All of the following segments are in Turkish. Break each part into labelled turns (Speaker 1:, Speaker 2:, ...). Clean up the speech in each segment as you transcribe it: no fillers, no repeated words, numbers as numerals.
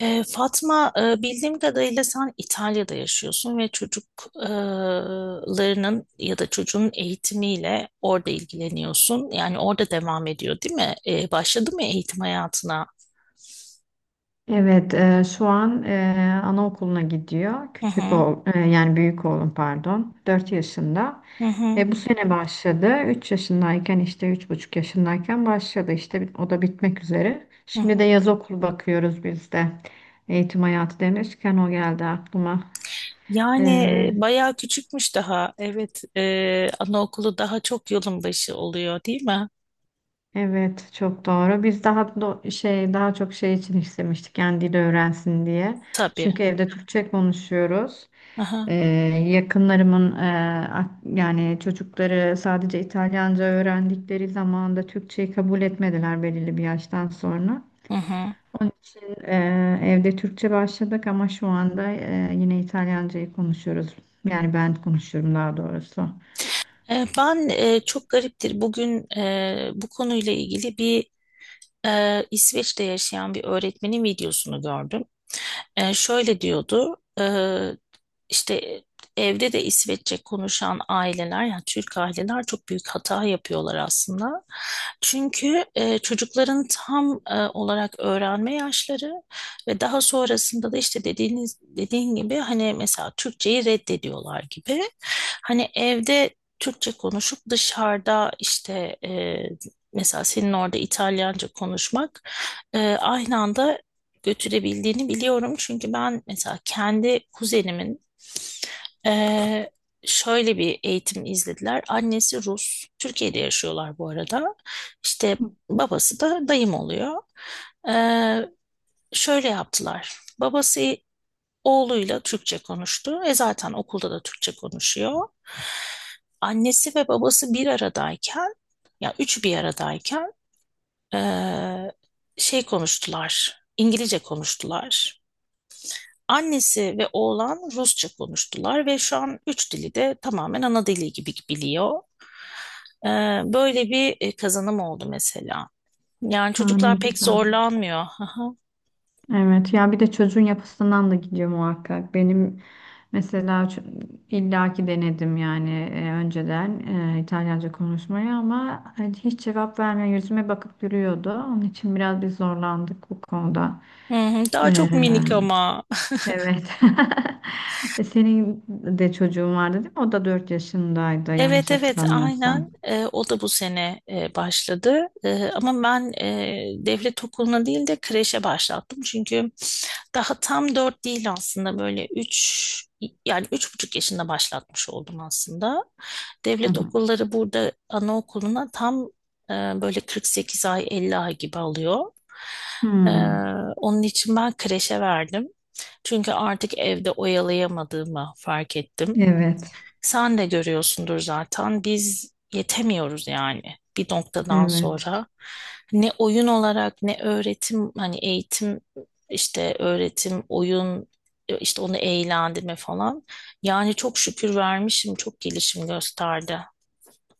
Speaker 1: Fatma, bildiğim kadarıyla sen İtalya'da yaşıyorsun ve çocuklarının ya da çocuğun eğitimiyle orada ilgileniyorsun. Yani orada devam ediyor, değil mi? Başladı mı eğitim hayatına?
Speaker 2: Evet, şu an anaokuluna gidiyor.
Speaker 1: Hı
Speaker 2: Küçük
Speaker 1: hı,
Speaker 2: oğul, yani büyük oğlum pardon, 4 yaşında.
Speaker 1: hı hı,
Speaker 2: Bu sene başladı. 3 yaşındayken işte 3,5 yaşındayken başladı. İşte o da bitmek üzere.
Speaker 1: hı
Speaker 2: Şimdi
Speaker 1: hı.
Speaker 2: de yaz okulu bakıyoruz biz de. Eğitim hayatı demişken o geldi aklıma.
Speaker 1: Yani bayağı küçükmüş daha. Evet, anaokulu daha çok yolun başı oluyor, değil mi?
Speaker 2: Evet, çok doğru. Biz daha çok şey için istemiştik yani dil öğrensin diye.
Speaker 1: Tabii.
Speaker 2: Çünkü evde Türkçe konuşuyoruz. Ee,
Speaker 1: Aha.
Speaker 2: yakınlarımın yani çocukları sadece İtalyanca öğrendikleri zaman da Türkçeyi kabul etmediler belirli bir yaştan sonra.
Speaker 1: Hı hı.
Speaker 2: Onun için evde Türkçe başladık ama şu anda yine İtalyancayı konuşuyoruz. Yani ben konuşuyorum daha doğrusu.
Speaker 1: Ben çok gariptir, bugün bu konuyla ilgili bir İsveç'te yaşayan bir öğretmenin videosunu gördüm. Şöyle diyordu, işte evde de İsveççe konuşan aileler, yani Türk aileler, çok büyük hata yapıyorlar aslında. Çünkü çocukların tam olarak öğrenme yaşları ve daha sonrasında da işte dediğin gibi hani mesela Türkçeyi reddediyorlar gibi. Hani evde Türkçe konuşup dışarıda işte mesela senin orada İtalyanca konuşmak aynı anda götürebildiğini biliyorum. Çünkü ben mesela kendi kuzenimin ee, şöyle bir eğitim izlediler. Annesi Rus. Türkiye'de yaşıyorlar bu arada. İşte babası da dayım oluyor. Ee, Şöyle yaptılar. Babası oğluyla Türkçe konuştu. E zaten okulda da Türkçe konuşuyor. Annesi ve babası bir aradayken, ya üç bir aradayken ee, şey konuştular. İngilizce konuştular. Annesi ve oğlan Rusça konuştular ve şu an üç dili de tamamen ana dili gibi biliyor. Ee, Böyle bir kazanım oldu mesela. Yani
Speaker 2: Aa, ne
Speaker 1: çocuklar pek
Speaker 2: güzel.
Speaker 1: zorlanmıyor. Aha.
Speaker 2: Evet ya bir de çocuğun yapısından da gidiyor muhakkak. Benim mesela illaki denedim yani önceden İtalyanca konuşmayı ama hani hiç cevap vermiyor yüzüme bakıp duruyordu. Onun için biraz biz zorlandık bu konuda.
Speaker 1: Hı hı. Daha
Speaker 2: E,
Speaker 1: çok minik ama.
Speaker 2: evet. Senin de çocuğun vardı değil mi? O da 4 yaşındaydı
Speaker 1: Evet,
Speaker 2: yanlış
Speaker 1: evet, aynen.
Speaker 2: hatırlamıyorsam.
Speaker 1: O da bu sene başladı. Ama ben devlet okuluna değil de kreşe başlattım. Çünkü daha tam dört değil, aslında böyle üç, yani 3,5 yaşında başlatmış oldum aslında.
Speaker 2: Hı
Speaker 1: Devlet
Speaker 2: hı.
Speaker 1: okulları burada anaokuluna tam böyle 48 ay, 50 ay gibi alıyor. E,
Speaker 2: Hmm,
Speaker 1: Onun için ben kreşe verdim. Çünkü artık evde oyalayamadığımı fark ettim.
Speaker 2: evet.
Speaker 1: Sen de görüyorsundur zaten, biz yetemiyoruz yani bir noktadan
Speaker 2: Evet.
Speaker 1: sonra. Ne oyun olarak, ne öğretim, hani eğitim, işte öğretim, oyun, işte onu eğlendirme falan. Yani çok şükür vermişim, çok gelişim gösterdi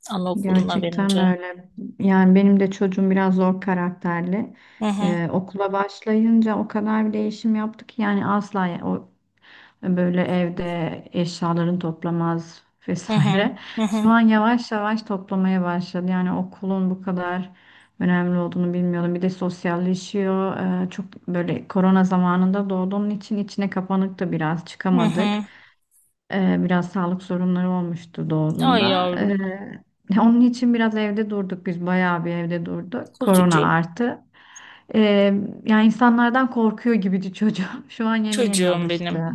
Speaker 1: anaokuluna
Speaker 2: Gerçekten
Speaker 1: verince.
Speaker 2: öyle. Yani benim de çocuğum biraz zor karakterli.
Speaker 1: Hı hı,
Speaker 2: Okula başlayınca o kadar bir değişim yaptı ki yani asla o böyle evde eşyalarını toplamaz
Speaker 1: hı hı,
Speaker 2: vesaire.
Speaker 1: hı
Speaker 2: Şu
Speaker 1: hı,
Speaker 2: an yavaş yavaş toplamaya başladı. Yani okulun bu kadar önemli olduğunu bilmiyordum. Bir de sosyalleşiyor. Çok böyle korona zamanında doğduğunun için içine kapanık da biraz
Speaker 1: hı
Speaker 2: çıkamadık.
Speaker 1: hı.
Speaker 2: Biraz sağlık sorunları olmuştu
Speaker 1: Ay
Speaker 2: doğduğunda.
Speaker 1: yavrum,
Speaker 2: Onun için biraz evde durduk biz bayağı bir evde durduk. Korona
Speaker 1: kuzucuğum,
Speaker 2: artı. Ee, yani insanlardan korkuyor gibiydi çocuğum. Şu an yeni yeni
Speaker 1: çocuğum benim.
Speaker 2: alıştı.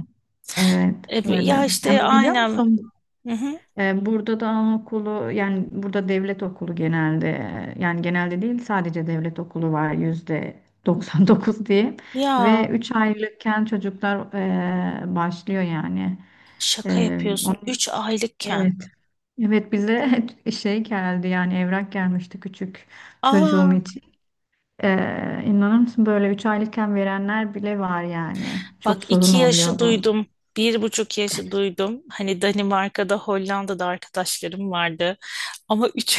Speaker 2: Evet
Speaker 1: Ya
Speaker 2: böyle.
Speaker 1: işte
Speaker 2: Yani biliyor
Speaker 1: aynen.
Speaker 2: musun
Speaker 1: Hı hı.
Speaker 2: burada da anaokulu yani burada devlet okulu genelde yani genelde değil sadece devlet okulu var %99 diye ve
Speaker 1: Ya
Speaker 2: 3 aylıkken çocuklar başlıyor yani.
Speaker 1: şaka
Speaker 2: Ee,
Speaker 1: yapıyorsun. Üç
Speaker 2: Evet.
Speaker 1: aylıkken.
Speaker 2: Evet bize şey geldi yani evrak gelmişti küçük çocuğum
Speaker 1: Aa,
Speaker 2: için. İnanır mısın böyle 3 aylıkken verenler bile var yani.
Speaker 1: bak,
Speaker 2: Çok sorun
Speaker 1: 2 yaşı
Speaker 2: oluyor bu.
Speaker 1: duydum. 1,5 yaşı duydum. Hani Danimarka'da, Hollanda'da arkadaşlarım vardı. Ama üç,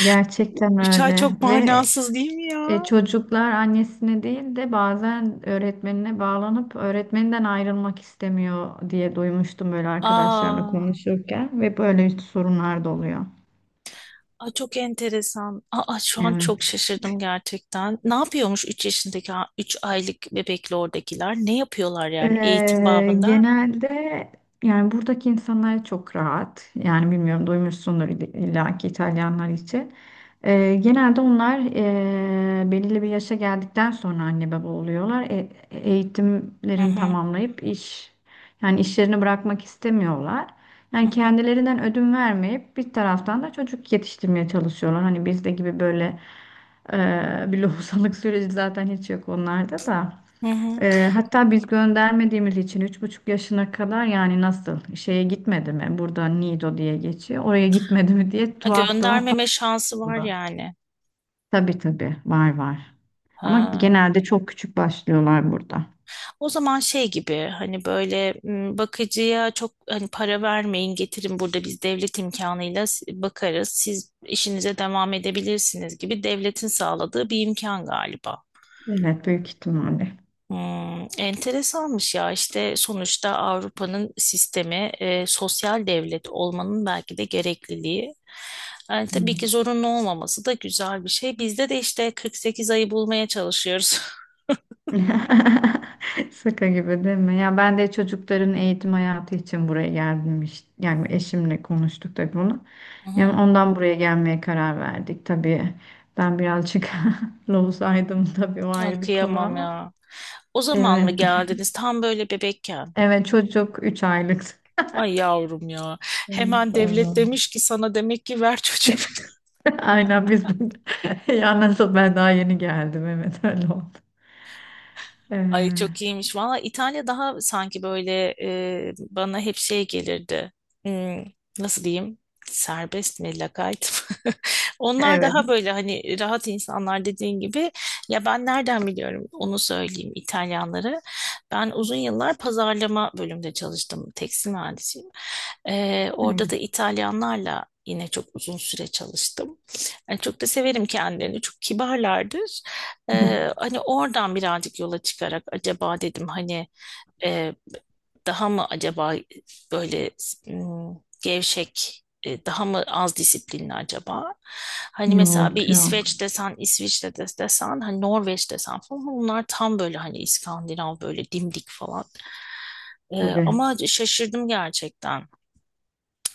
Speaker 2: Gerçekten
Speaker 1: 3 ay
Speaker 2: öyle
Speaker 1: çok
Speaker 2: ve
Speaker 1: manasız değil mi ya?
Speaker 2: çocuklar annesine değil de bazen öğretmenine bağlanıp öğretmeninden ayrılmak istemiyor diye duymuştum böyle arkadaşlarla
Speaker 1: Aa.
Speaker 2: konuşurken ve böyle sorunlar da oluyor.
Speaker 1: Aa, çok enteresan. Aa, şu an
Speaker 2: Evet.
Speaker 1: çok şaşırdım gerçekten. Ne yapıyormuş 3 yaşındaki, 3 aylık bebekle oradakiler? Ne yapıyorlar yani eğitim
Speaker 2: Ee,
Speaker 1: babında?
Speaker 2: genelde yani buradaki insanlar çok rahat. Yani bilmiyorum duymuşsundur illa ki İtalyanlar için. Genelde onlar belirli bir yaşa geldikten sonra anne baba oluyorlar. E-
Speaker 1: Hı
Speaker 2: eğitimlerini
Speaker 1: hı,
Speaker 2: tamamlayıp yani işlerini bırakmak istemiyorlar.
Speaker 1: hı
Speaker 2: Yani
Speaker 1: hı,
Speaker 2: kendilerinden ödün vermeyip bir taraftan da çocuk yetiştirmeye çalışıyorlar. Hani bizde gibi böyle bir lohusalık süreci zaten hiç yok onlarda da.
Speaker 1: hı hı.
Speaker 2: Hatta biz göndermediğimiz için 3,5 yaşına kadar yani nasıl şeye gitmedi mi? Burada Nido diye geçiyor. Oraya gitmedi mi diye
Speaker 1: Ha,
Speaker 2: tuhaf tuhaf
Speaker 1: göndermeme şansı var
Speaker 2: bakıyorlar.
Speaker 1: yani.
Speaker 2: Tabii tabii var var. Ama
Speaker 1: Ha.
Speaker 2: genelde çok küçük başlıyorlar burada.
Speaker 1: O zaman şey gibi, hani böyle bakıcıya çok hani para vermeyin, getirin, burada biz devlet imkanıyla bakarız, siz işinize devam edebilirsiniz gibi, devletin sağladığı bir imkan galiba.
Speaker 2: Evet büyük ihtimalle.
Speaker 1: Hmm, enteresanmış ya. İşte sonuçta Avrupa'nın sistemi, sosyal devlet olmanın belki de gerekliliği. Yani tabii ki
Speaker 2: Evet.
Speaker 1: zorunlu olmaması da güzel bir şey. Bizde de işte 48 ayı bulmaya çalışıyoruz.
Speaker 2: Şaka gibi değil mi? Ya ben de çocukların eğitim hayatı için buraya geldim işte. Yani eşimle konuştuk tabii bunu.
Speaker 1: Hı
Speaker 2: Yani
Speaker 1: hı.
Speaker 2: ondan buraya gelmeye karar verdik tabii. Ben birazcık lozaydım tabii o
Speaker 1: Ya
Speaker 2: ayrı bir konu
Speaker 1: kıyamam
Speaker 2: ama.
Speaker 1: ya. O zaman mı
Speaker 2: Evet.
Speaker 1: geldiniz, tam böyle bebekken?
Speaker 2: Evet çocuk 3 aylık.
Speaker 1: Ay yavrum ya.
Speaker 2: Evet,
Speaker 1: Hemen devlet
Speaker 2: aynen.
Speaker 1: demiş ki sana, demek ki ver çocuğu.
Speaker 2: Aynen biz ya nasıl ben daha yeni geldim evet öyle oldu.
Speaker 1: Ay çok
Speaker 2: Ee,
Speaker 1: iyiymiş. Valla İtalya daha sanki böyle, bana hep şey gelirdi. Hmm, nasıl diyeyim? Serbest mi, lakayt mı? Onlar
Speaker 2: evet.
Speaker 1: daha böyle hani rahat insanlar dediğin gibi. Ya ben nereden biliyorum onu söyleyeyim İtalyanları. Ben uzun yıllar pazarlama bölümünde çalıştım. Tekstil mühendisiyim.
Speaker 2: Ne
Speaker 1: Orada da
Speaker 2: güzel.
Speaker 1: İtalyanlarla yine çok uzun süre çalıştım. Yani çok da severim kendilerini. Çok kibarlardır. Hani oradan birazcık yola çıkarak acaba dedim hani e, daha mı acaba böyle m, gevşek, daha mı az disiplinli acaba? Hani mesela bir
Speaker 2: Yok yok.
Speaker 1: İsveç desen, İsviçre desen, hani Norveç desen falan, bunlar tam böyle hani İskandinav, böyle dimdik falan.
Speaker 2: Tabii.
Speaker 1: Ama şaşırdım gerçekten.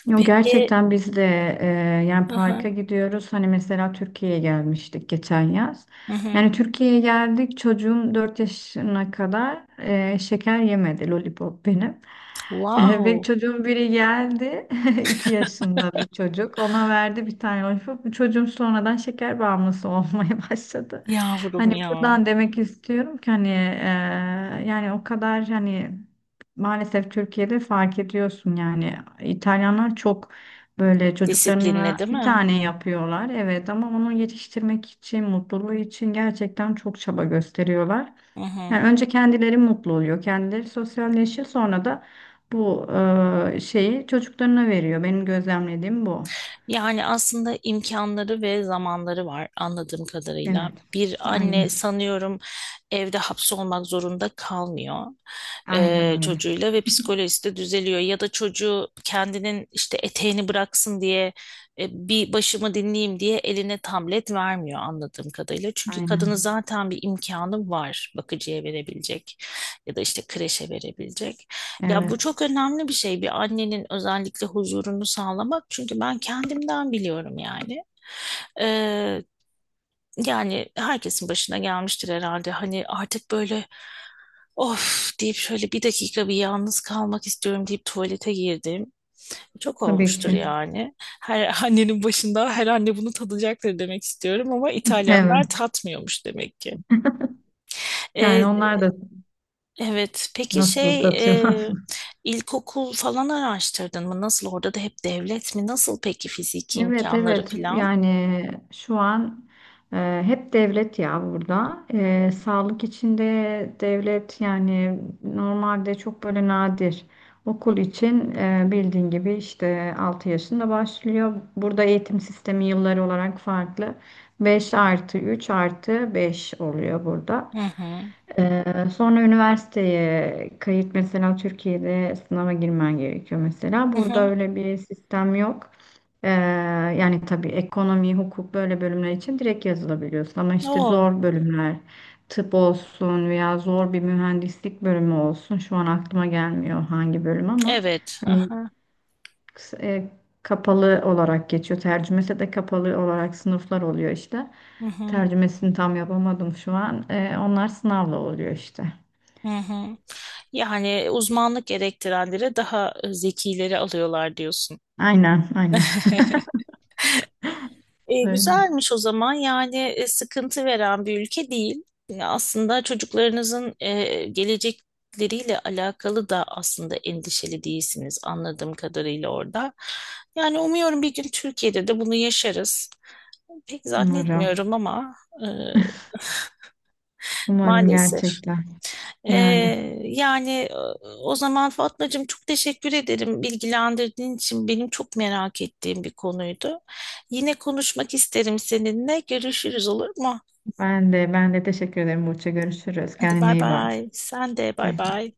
Speaker 1: Peki.
Speaker 2: Gerçekten biz de e, yani
Speaker 1: Hı
Speaker 2: parka
Speaker 1: hı,
Speaker 2: gidiyoruz. Hani mesela Türkiye'ye gelmiştik geçen yaz.
Speaker 1: hı hı.
Speaker 2: Yani Türkiye'ye geldik çocuğum 4 yaşına kadar şeker yemedi lollipop benim. Ve
Speaker 1: Wow.
Speaker 2: çocuğun biri geldi 2 yaşında bir çocuk ona verdi bir tane lollipop. Bu çocuğum sonradan şeker bağımlısı olmaya başladı.
Speaker 1: Yavrum
Speaker 2: Hani
Speaker 1: ya.
Speaker 2: buradan demek istiyorum ki hani yani o kadar hani maalesef Türkiye'de fark ediyorsun yani İtalyanlar çok böyle çocuklarına
Speaker 1: Disiplinli değil
Speaker 2: bir
Speaker 1: mi?
Speaker 2: tane yapıyorlar evet ama onu yetiştirmek için mutluluğu için gerçekten çok çaba gösteriyorlar.
Speaker 1: Hı hı.
Speaker 2: Yani önce kendileri mutlu oluyor kendileri sosyalleşiyor sonra da bu şeyi çocuklarına veriyor benim gözlemlediğim bu.
Speaker 1: Yani aslında imkanları ve zamanları var anladığım kadarıyla.
Speaker 2: Evet
Speaker 1: Bir
Speaker 2: aynen
Speaker 1: anne, sanıyorum, evde hapsolmak zorunda kalmıyor
Speaker 2: aynen öyle
Speaker 1: çocuğuyla ve psikolojisi de düzeliyor. Ya da çocuğu kendinin işte eteğini bıraksın diye, bir başımı dinleyeyim diye eline tablet vermiyor anladığım kadarıyla. Çünkü kadının
Speaker 2: aynen
Speaker 1: zaten bir imkanı var bakıcıya verebilecek ya da işte kreşe verebilecek. Ya bu
Speaker 2: evet
Speaker 1: çok önemli bir şey, bir annenin özellikle huzurunu sağlamak. Çünkü ben kendimden biliyorum yani. Ee, Yani herkesin başına gelmiştir herhalde. Hani artık böyle, of deyip, şöyle bir dakika bir yalnız kalmak istiyorum deyip tuvalete girdim. Çok
Speaker 2: tabii
Speaker 1: olmuştur
Speaker 2: ki
Speaker 1: yani. Her annenin başında, her anne bunu tadacaktır demek istiyorum, ama
Speaker 2: evet
Speaker 1: İtalyanlar tatmıyormuş demek ki.
Speaker 2: yani onlar da
Speaker 1: Evet. Peki
Speaker 2: nasıl
Speaker 1: şey,
Speaker 2: tatıyorlar.
Speaker 1: e, ilkokul falan araştırdın mı? Nasıl, orada da hep devlet mi? Nasıl peki fiziki
Speaker 2: Evet
Speaker 1: imkanları
Speaker 2: evet
Speaker 1: falan?
Speaker 2: yani şu an hep devlet ya burada. Sağlık içinde devlet yani normalde çok böyle nadir okul için bildiğin gibi işte 6 yaşında başlıyor burada eğitim sistemi yılları olarak farklı 5+3+5 oluyor burada.
Speaker 1: Hı hı.
Speaker 2: E, sonra üniversiteye kayıt mesela Türkiye'de sınava girmen gerekiyor mesela
Speaker 1: Hı
Speaker 2: burada
Speaker 1: hı.
Speaker 2: öyle bir sistem yok. Ee, yani tabii ekonomi, hukuk böyle bölümler için direkt yazılabiliyorsun. Ama işte
Speaker 1: O
Speaker 2: zor bölümler, tıp olsun veya zor bir mühendislik bölümü olsun. Şu an aklıma gelmiyor hangi bölüm ama
Speaker 1: evet. Hı
Speaker 2: hani
Speaker 1: hı.
Speaker 2: e, kapalı olarak geçiyor. Tercümesi de kapalı olarak sınıflar oluyor işte.
Speaker 1: Hı hı.
Speaker 2: Tercümesini tam yapamadım şu an. Onlar sınavla oluyor işte.
Speaker 1: Hı hı. Yani uzmanlık gerektirenlere daha zekileri alıyorlar diyorsun.
Speaker 2: Aynen, aynen. Böyle.
Speaker 1: Güzelmiş o zaman yani, sıkıntı veren bir ülke değil. Aslında çocuklarınızın gelecekleriyle alakalı da aslında endişeli değilsiniz anladığım kadarıyla orada. Yani umuyorum bir gün Türkiye'de de bunu yaşarız. Pek
Speaker 2: Umarım.
Speaker 1: zannetmiyorum ama e,
Speaker 2: Umarım
Speaker 1: maalesef.
Speaker 2: gerçekten.
Speaker 1: E,
Speaker 2: Yani.
Speaker 1: Yani o zaman Fatmacığım, çok teşekkür ederim bilgilendirdiğin için, benim çok merak ettiğim bir konuydu. Yine konuşmak isterim seninle. Görüşürüz, olur mu?
Speaker 2: Ben de ben de teşekkür ederim Burç'a. Görüşürüz.
Speaker 1: Hadi
Speaker 2: Kendine
Speaker 1: bay
Speaker 2: iyi bak.
Speaker 1: bay. Sen de
Speaker 2: Bay
Speaker 1: bay
Speaker 2: bay.
Speaker 1: bay.